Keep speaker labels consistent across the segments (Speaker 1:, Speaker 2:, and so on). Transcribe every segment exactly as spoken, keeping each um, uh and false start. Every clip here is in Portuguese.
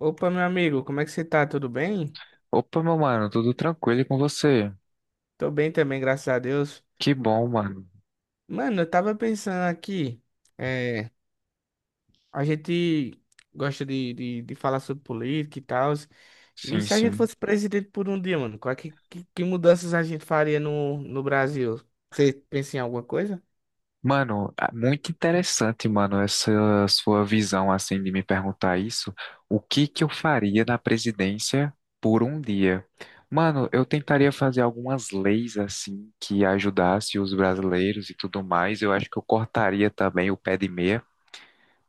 Speaker 1: Opa, meu amigo, como é que você tá? Tudo bem?
Speaker 2: Opa, meu mano, tudo tranquilo e com você?
Speaker 1: Tô bem também, graças a Deus.
Speaker 2: Que bom, mano.
Speaker 1: Mano, eu tava pensando aqui, é, a gente gosta de, de, de falar sobre política e tal, e
Speaker 2: Sim,
Speaker 1: se a gente
Speaker 2: sim.
Speaker 1: fosse presidente por um dia, mano, qual é que, que, que mudanças a gente faria no, no Brasil? Você pensa em alguma coisa?
Speaker 2: Mano, ah, muito interessante, mano, essa sua visão, assim, de me perguntar isso. O que que eu faria na presidência por um dia? Mano, eu tentaria fazer algumas leis, assim, que ajudasse os brasileiros e tudo mais. Eu acho que eu cortaria também o pé de meia.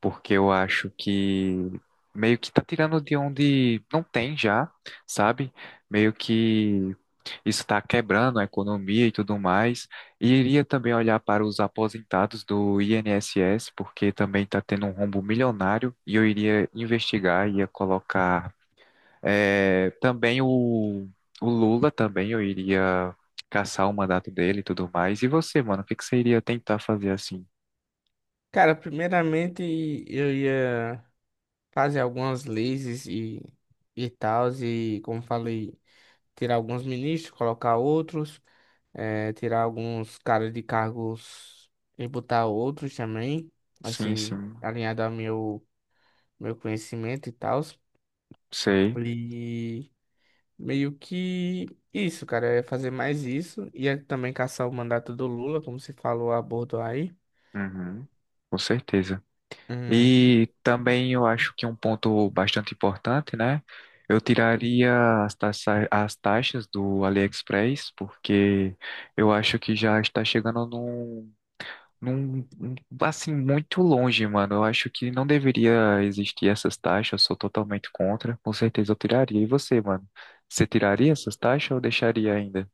Speaker 2: Porque eu acho que meio que tá tirando de onde não tem já, sabe? Meio que isso está quebrando a economia e tudo mais. E iria também olhar para os aposentados do I N S S, porque também está tendo um rombo milionário, e eu iria investigar, ia colocar eh, também o, o Lula também, eu iria caçar o mandato dele e tudo mais. E você, mano, o que que você iria tentar fazer assim?
Speaker 1: Cara, primeiramente eu ia fazer algumas leis e, e tal, e como falei, tirar alguns ministros, colocar outros. É, tirar alguns caras de cargos e botar outros também,
Speaker 2: Sim,
Speaker 1: assim,
Speaker 2: sim,
Speaker 1: alinhado ao meu, meu conhecimento e tal.
Speaker 2: sei.
Speaker 1: E meio que isso, cara, é fazer mais isso. E é também caçar o mandato do Lula, como você falou a bordo aí.
Speaker 2: Uhum, com certeza.
Speaker 1: Hum,
Speaker 2: E também eu acho que um ponto bastante importante, né? Eu tiraria as taxa, as taxas do AliExpress, porque eu acho que já está chegando num, num, num- assim, muito longe, mano. Eu acho que não deveria existir essas taxas, eu sou totalmente contra. Com certeza eu tiraria. E você, mano? Você tiraria essas taxas ou deixaria ainda?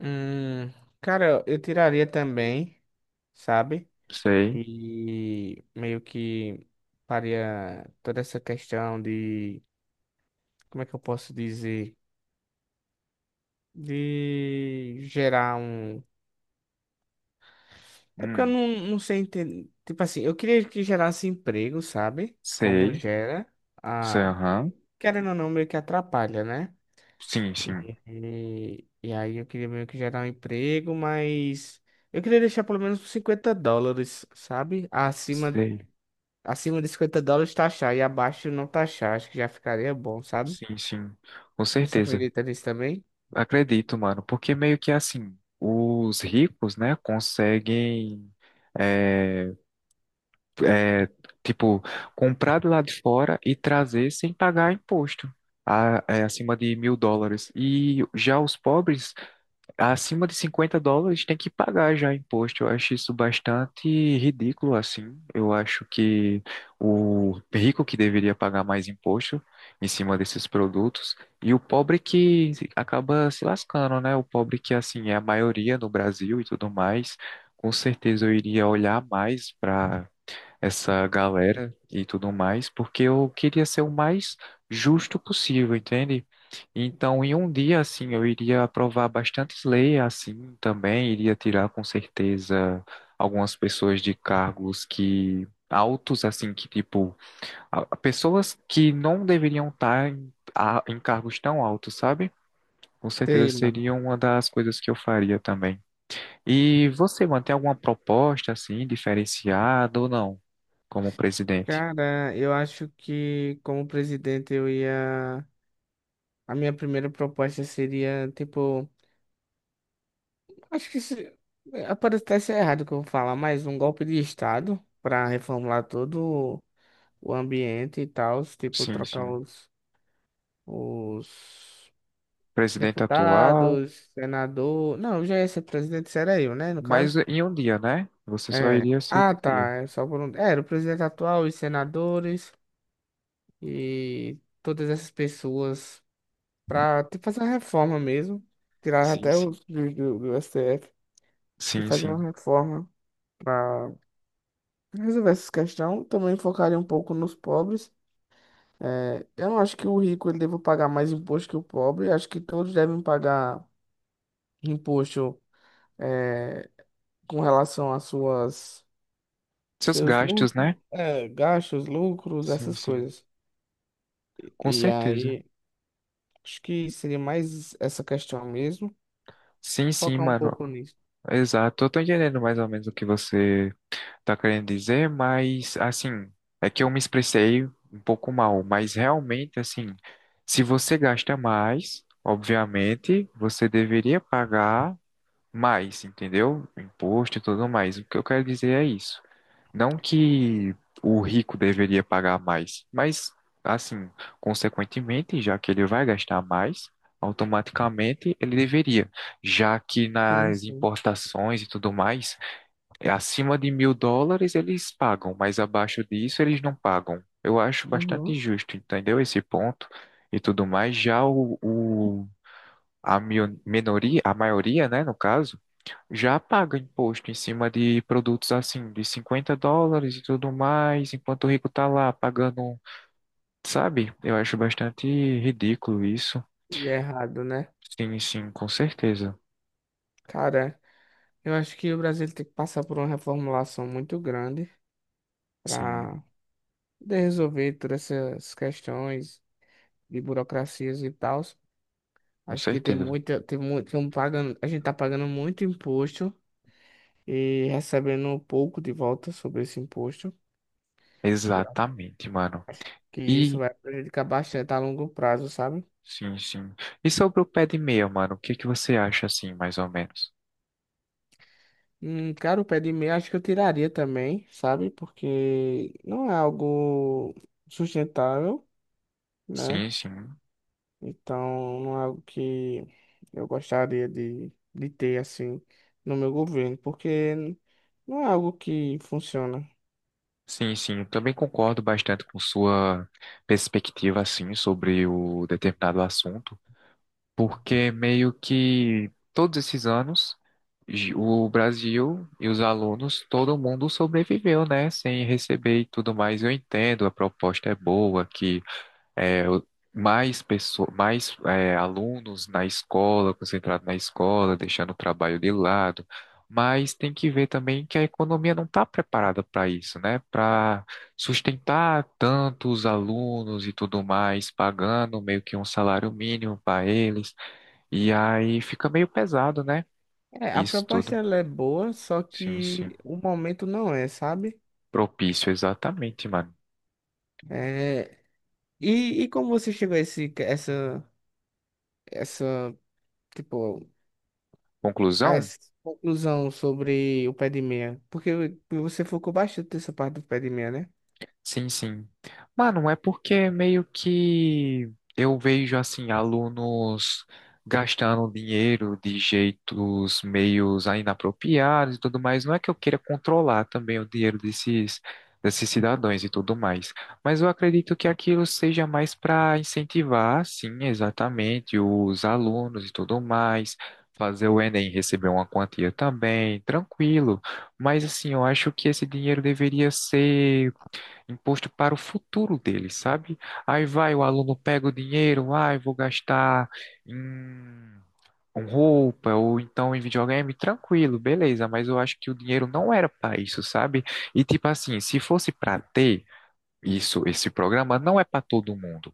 Speaker 1: hum, cara, eu tiraria também, sabe?
Speaker 2: Sei.
Speaker 1: E meio que faria toda essa questão de, como é que eu posso dizer? De gerar um. É porque eu
Speaker 2: Hum,
Speaker 1: não, não sei entender. Tipo assim, eu queria que gerasse emprego, sabe? Como
Speaker 2: sei.
Speaker 1: gera.
Speaker 2: Sei,
Speaker 1: A...
Speaker 2: aham.
Speaker 1: Querendo ou não, meio que atrapalha, né?
Speaker 2: Sim, sim.
Speaker 1: E, e aí eu queria meio que gerar um emprego, mas eu queria deixar pelo menos uns cinquenta dólares, sabe? Acima,
Speaker 2: Sei.
Speaker 1: acima de cinquenta dólares taxar e abaixo não taxar. Acho que já ficaria bom, sabe?
Speaker 2: Sim, sim, com
Speaker 1: Você
Speaker 2: certeza.
Speaker 1: acredita nisso também?
Speaker 2: Acredito, mano, porque meio que assim, os ricos, né, conseguem, é, é, tipo, comprar de lá de fora e trazer sem pagar imposto, a- é, acima de mil dólares. E já os pobres acima de cinquenta dólares tem que pagar já imposto. Eu acho isso bastante ridículo, assim. Eu acho que o rico que deveria pagar mais imposto em cima desses produtos e o pobre que acaba se lascando, né? O pobre que, assim, é a maioria no Brasil e tudo mais. Com certeza eu iria olhar mais para essa galera e tudo mais, porque eu queria ser o mais justo possível, entende? Então, em um dia, assim, eu iria aprovar bastantes leis, assim, também iria tirar, com certeza, algumas pessoas de cargos que altos, assim, que, tipo, a- pessoas que não deveriam estar em, a- em cargos tão altos, sabe? Com certeza
Speaker 1: Sei, mano.
Speaker 2: seria uma das coisas que eu faria também. E você mantém alguma proposta, assim, diferenciada ou não, como presidente?
Speaker 1: Cara, eu acho que como presidente eu ia. A minha primeira proposta seria, tipo, acho que se, é, pode até ser errado o que eu vou falar, mas um golpe de Estado para reformular todo o ambiente e tal, tipo,
Speaker 2: Sim,
Speaker 1: trocar
Speaker 2: sim.
Speaker 1: os, os
Speaker 2: Presidente atual,
Speaker 1: deputados, senador. Não, já ia ser presidente, isso era eu, né, no
Speaker 2: mas
Speaker 1: caso.
Speaker 2: em um dia, né? Você só
Speaker 1: É.
Speaker 2: iria ser em
Speaker 1: Ah,
Speaker 2: um dia.
Speaker 1: tá, é só por um. é, Era o presidente atual, os senadores e todas essas pessoas para fazer a reforma mesmo, tirar
Speaker 2: Sim,
Speaker 1: até
Speaker 2: sim.
Speaker 1: os do, do do S T F. E
Speaker 2: Sim,
Speaker 1: fazer uma
Speaker 2: sim.
Speaker 1: reforma para resolver essa questão. Também focaria um pouco nos pobres. É, eu não acho que o rico ele deva pagar mais imposto que o pobre. Acho que todos devem pagar imposto é, com relação às suas
Speaker 2: Seus
Speaker 1: seus
Speaker 2: gastos,
Speaker 1: lucros,
Speaker 2: né?
Speaker 1: é, gastos, lucros,
Speaker 2: Sim,
Speaker 1: essas
Speaker 2: sim.
Speaker 1: coisas.
Speaker 2: Com
Speaker 1: E
Speaker 2: certeza.
Speaker 1: aí, acho que seria mais essa questão mesmo.
Speaker 2: Sim, sim,
Speaker 1: Focar um
Speaker 2: mano.
Speaker 1: pouco nisso.
Speaker 2: Exato. Eu tô entendendo mais ou menos o que você tá querendo dizer, mas assim, é que eu me expressei um pouco mal, mas realmente, assim, se você gasta mais, obviamente, você deveria pagar mais, entendeu? Imposto e tudo mais. O que eu quero dizer é isso. Não que o rico deveria pagar mais, mas, assim, consequentemente, já que ele vai gastar mais, automaticamente ele deveria, já que
Speaker 1: Sim,
Speaker 2: nas
Speaker 1: sim.
Speaker 2: importações e tudo mais, é acima de mil dólares eles pagam, mas abaixo disso eles não pagam. Eu acho bastante
Speaker 1: Uhum.
Speaker 2: injusto, entendeu? Esse ponto e tudo mais. Já o, o- a mio- minoria, a maioria, né, no caso já paga imposto em cima de produtos assim, de cinquenta dólares e tudo mais, enquanto o rico tá lá pagando, sabe? Eu acho bastante ridículo isso.
Speaker 1: E é errado, né?
Speaker 2: Sim, sim, com certeza.
Speaker 1: Cara, eu acho que o Brasil tem que passar por uma reformulação muito grande
Speaker 2: Sim,
Speaker 1: para poder resolver todas essas questões de burocracias e tal.
Speaker 2: com
Speaker 1: Acho que tem
Speaker 2: certeza.
Speaker 1: muita, tem muito, tem um pagando, a gente tá pagando muito imposto e recebendo pouco de volta sobre esse imposto. Eu
Speaker 2: Exatamente, mano.
Speaker 1: acho que isso
Speaker 2: E,
Speaker 1: vai prejudicar bastante a longo prazo, sabe?
Speaker 2: sim, sim. E sobre o pé de meia, mano, o que que você acha assim, mais ou menos?
Speaker 1: Hum, cara, o pé de meia acho que eu tiraria também, sabe? Porque não é algo sustentável, né?
Speaker 2: Sim, sim.
Speaker 1: Então, não é algo que eu gostaria de, de ter assim no meu governo, porque não é algo que funciona.
Speaker 2: Sim, sim, eu também concordo bastante com sua perspectiva, assim, sobre o determinado assunto. Porque meio que todos esses anos gi- o Brasil e os alunos, todo mundo sobreviveu, né, sem receber e tudo mais. Eu entendo, a proposta é boa, que é, o- mais pessoas, mais é, alunos na escola, concentrado na escola, deixando o trabalho de lado. Mas tem que ver também que a economia não está preparada para isso, né? Para sustentar tantos alunos e tudo mais, pagando meio que um salário mínimo para eles. E aí fica meio pesado, né?
Speaker 1: É, a
Speaker 2: Isso
Speaker 1: proposta
Speaker 2: tudo.
Speaker 1: ela é boa, só
Speaker 2: Sim, sim.
Speaker 1: que o momento não é, sabe?
Speaker 2: Propício, exatamente, mano.
Speaker 1: É, e, e como você chegou a esse, essa, essa, tipo, a
Speaker 2: Conclusão?
Speaker 1: essa conclusão sobre o pé de meia? Porque você focou bastante nessa parte do pé de meia, né?
Speaker 2: Sim, sim. Mano, é porque meio que eu vejo assim alunos gastando dinheiro de jeitos meios inapropriados e tudo mais. Não é que eu queira controlar também o dinheiro desses desses cidadãos e tudo mais, mas eu acredito que aquilo seja mais para incentivar, sim, exatamente, os alunos e tudo mais. Fazer o Enem receber uma quantia também, tranquilo. Mas assim, eu acho que esse dinheiro deveria ser imposto para o futuro dele, sabe? Aí vai, o aluno pega o dinheiro, ai, vou gastar em com roupa ou então em videogame, tranquilo, beleza, mas eu acho que o dinheiro não era para isso, sabe? E tipo assim, se fosse para ter, isso, esse programa não é para todo mundo.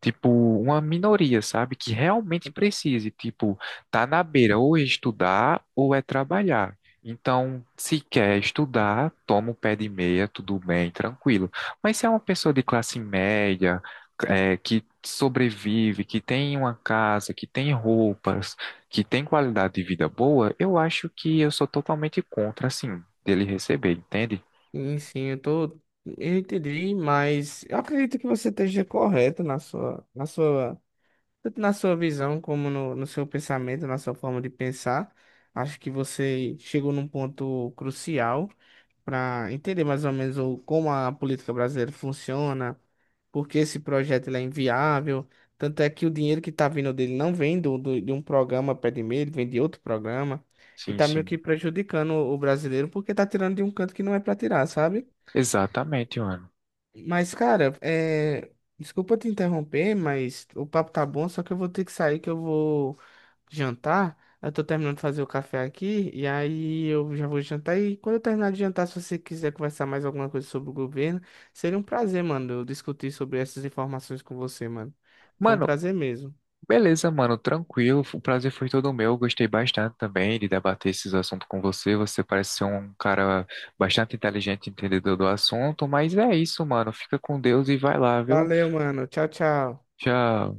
Speaker 2: Tipo, uma minoria, sabe, que realmente precise, tipo, tá na beira ou é estudar ou é trabalhar. Então, se quer estudar, toma o pé de meia, tudo bem, tranquilo. Mas se é uma pessoa de classe média, é, que sobrevive, que tem uma casa, que tem roupas, que tem qualidade de vida boa, eu acho que eu sou totalmente contra, assim, dele receber, entende?
Speaker 1: Sim, sim, eu tô. Eu entendi, mas eu acredito que você esteja correto na sua, na sua, tanto na sua visão como no, no seu pensamento, na sua forma de pensar. Acho que você chegou num ponto crucial para entender mais ou menos o, como a política brasileira funciona, por que esse projeto ele é inviável. Tanto é que o dinheiro que está vindo dele não vem do, do- de um programa pé de meia, ele vem de outro programa. E
Speaker 2: Sim,
Speaker 1: tá meio
Speaker 2: sim.
Speaker 1: que prejudicando o o brasileiro porque tá tirando de um canto que não é para tirar, sabe?
Speaker 2: Exatamente, mano.
Speaker 1: Mas, cara, é... desculpa te interromper, mas o papo tá bom, só que eu vou ter que sair, que eu vou jantar. Eu tô terminando de fazer o café aqui, e aí eu já vou jantar. E quando eu terminar de jantar, se você quiser conversar mais alguma coisa sobre o governo, seria um prazer, mano, eu discutir sobre essas informações com você, mano. Foi um
Speaker 2: Mano,
Speaker 1: prazer mesmo.
Speaker 2: beleza, mano, tranquilo. O prazer foi todo meu. Gostei bastante também de debater esses assuntos com você. Você parece ser um cara bastante inteligente, entendedor do assunto. Mas é isso, mano. Fica com Deus e vai lá, viu?
Speaker 1: Valeu, mano. Tchau, tchau.
Speaker 2: Já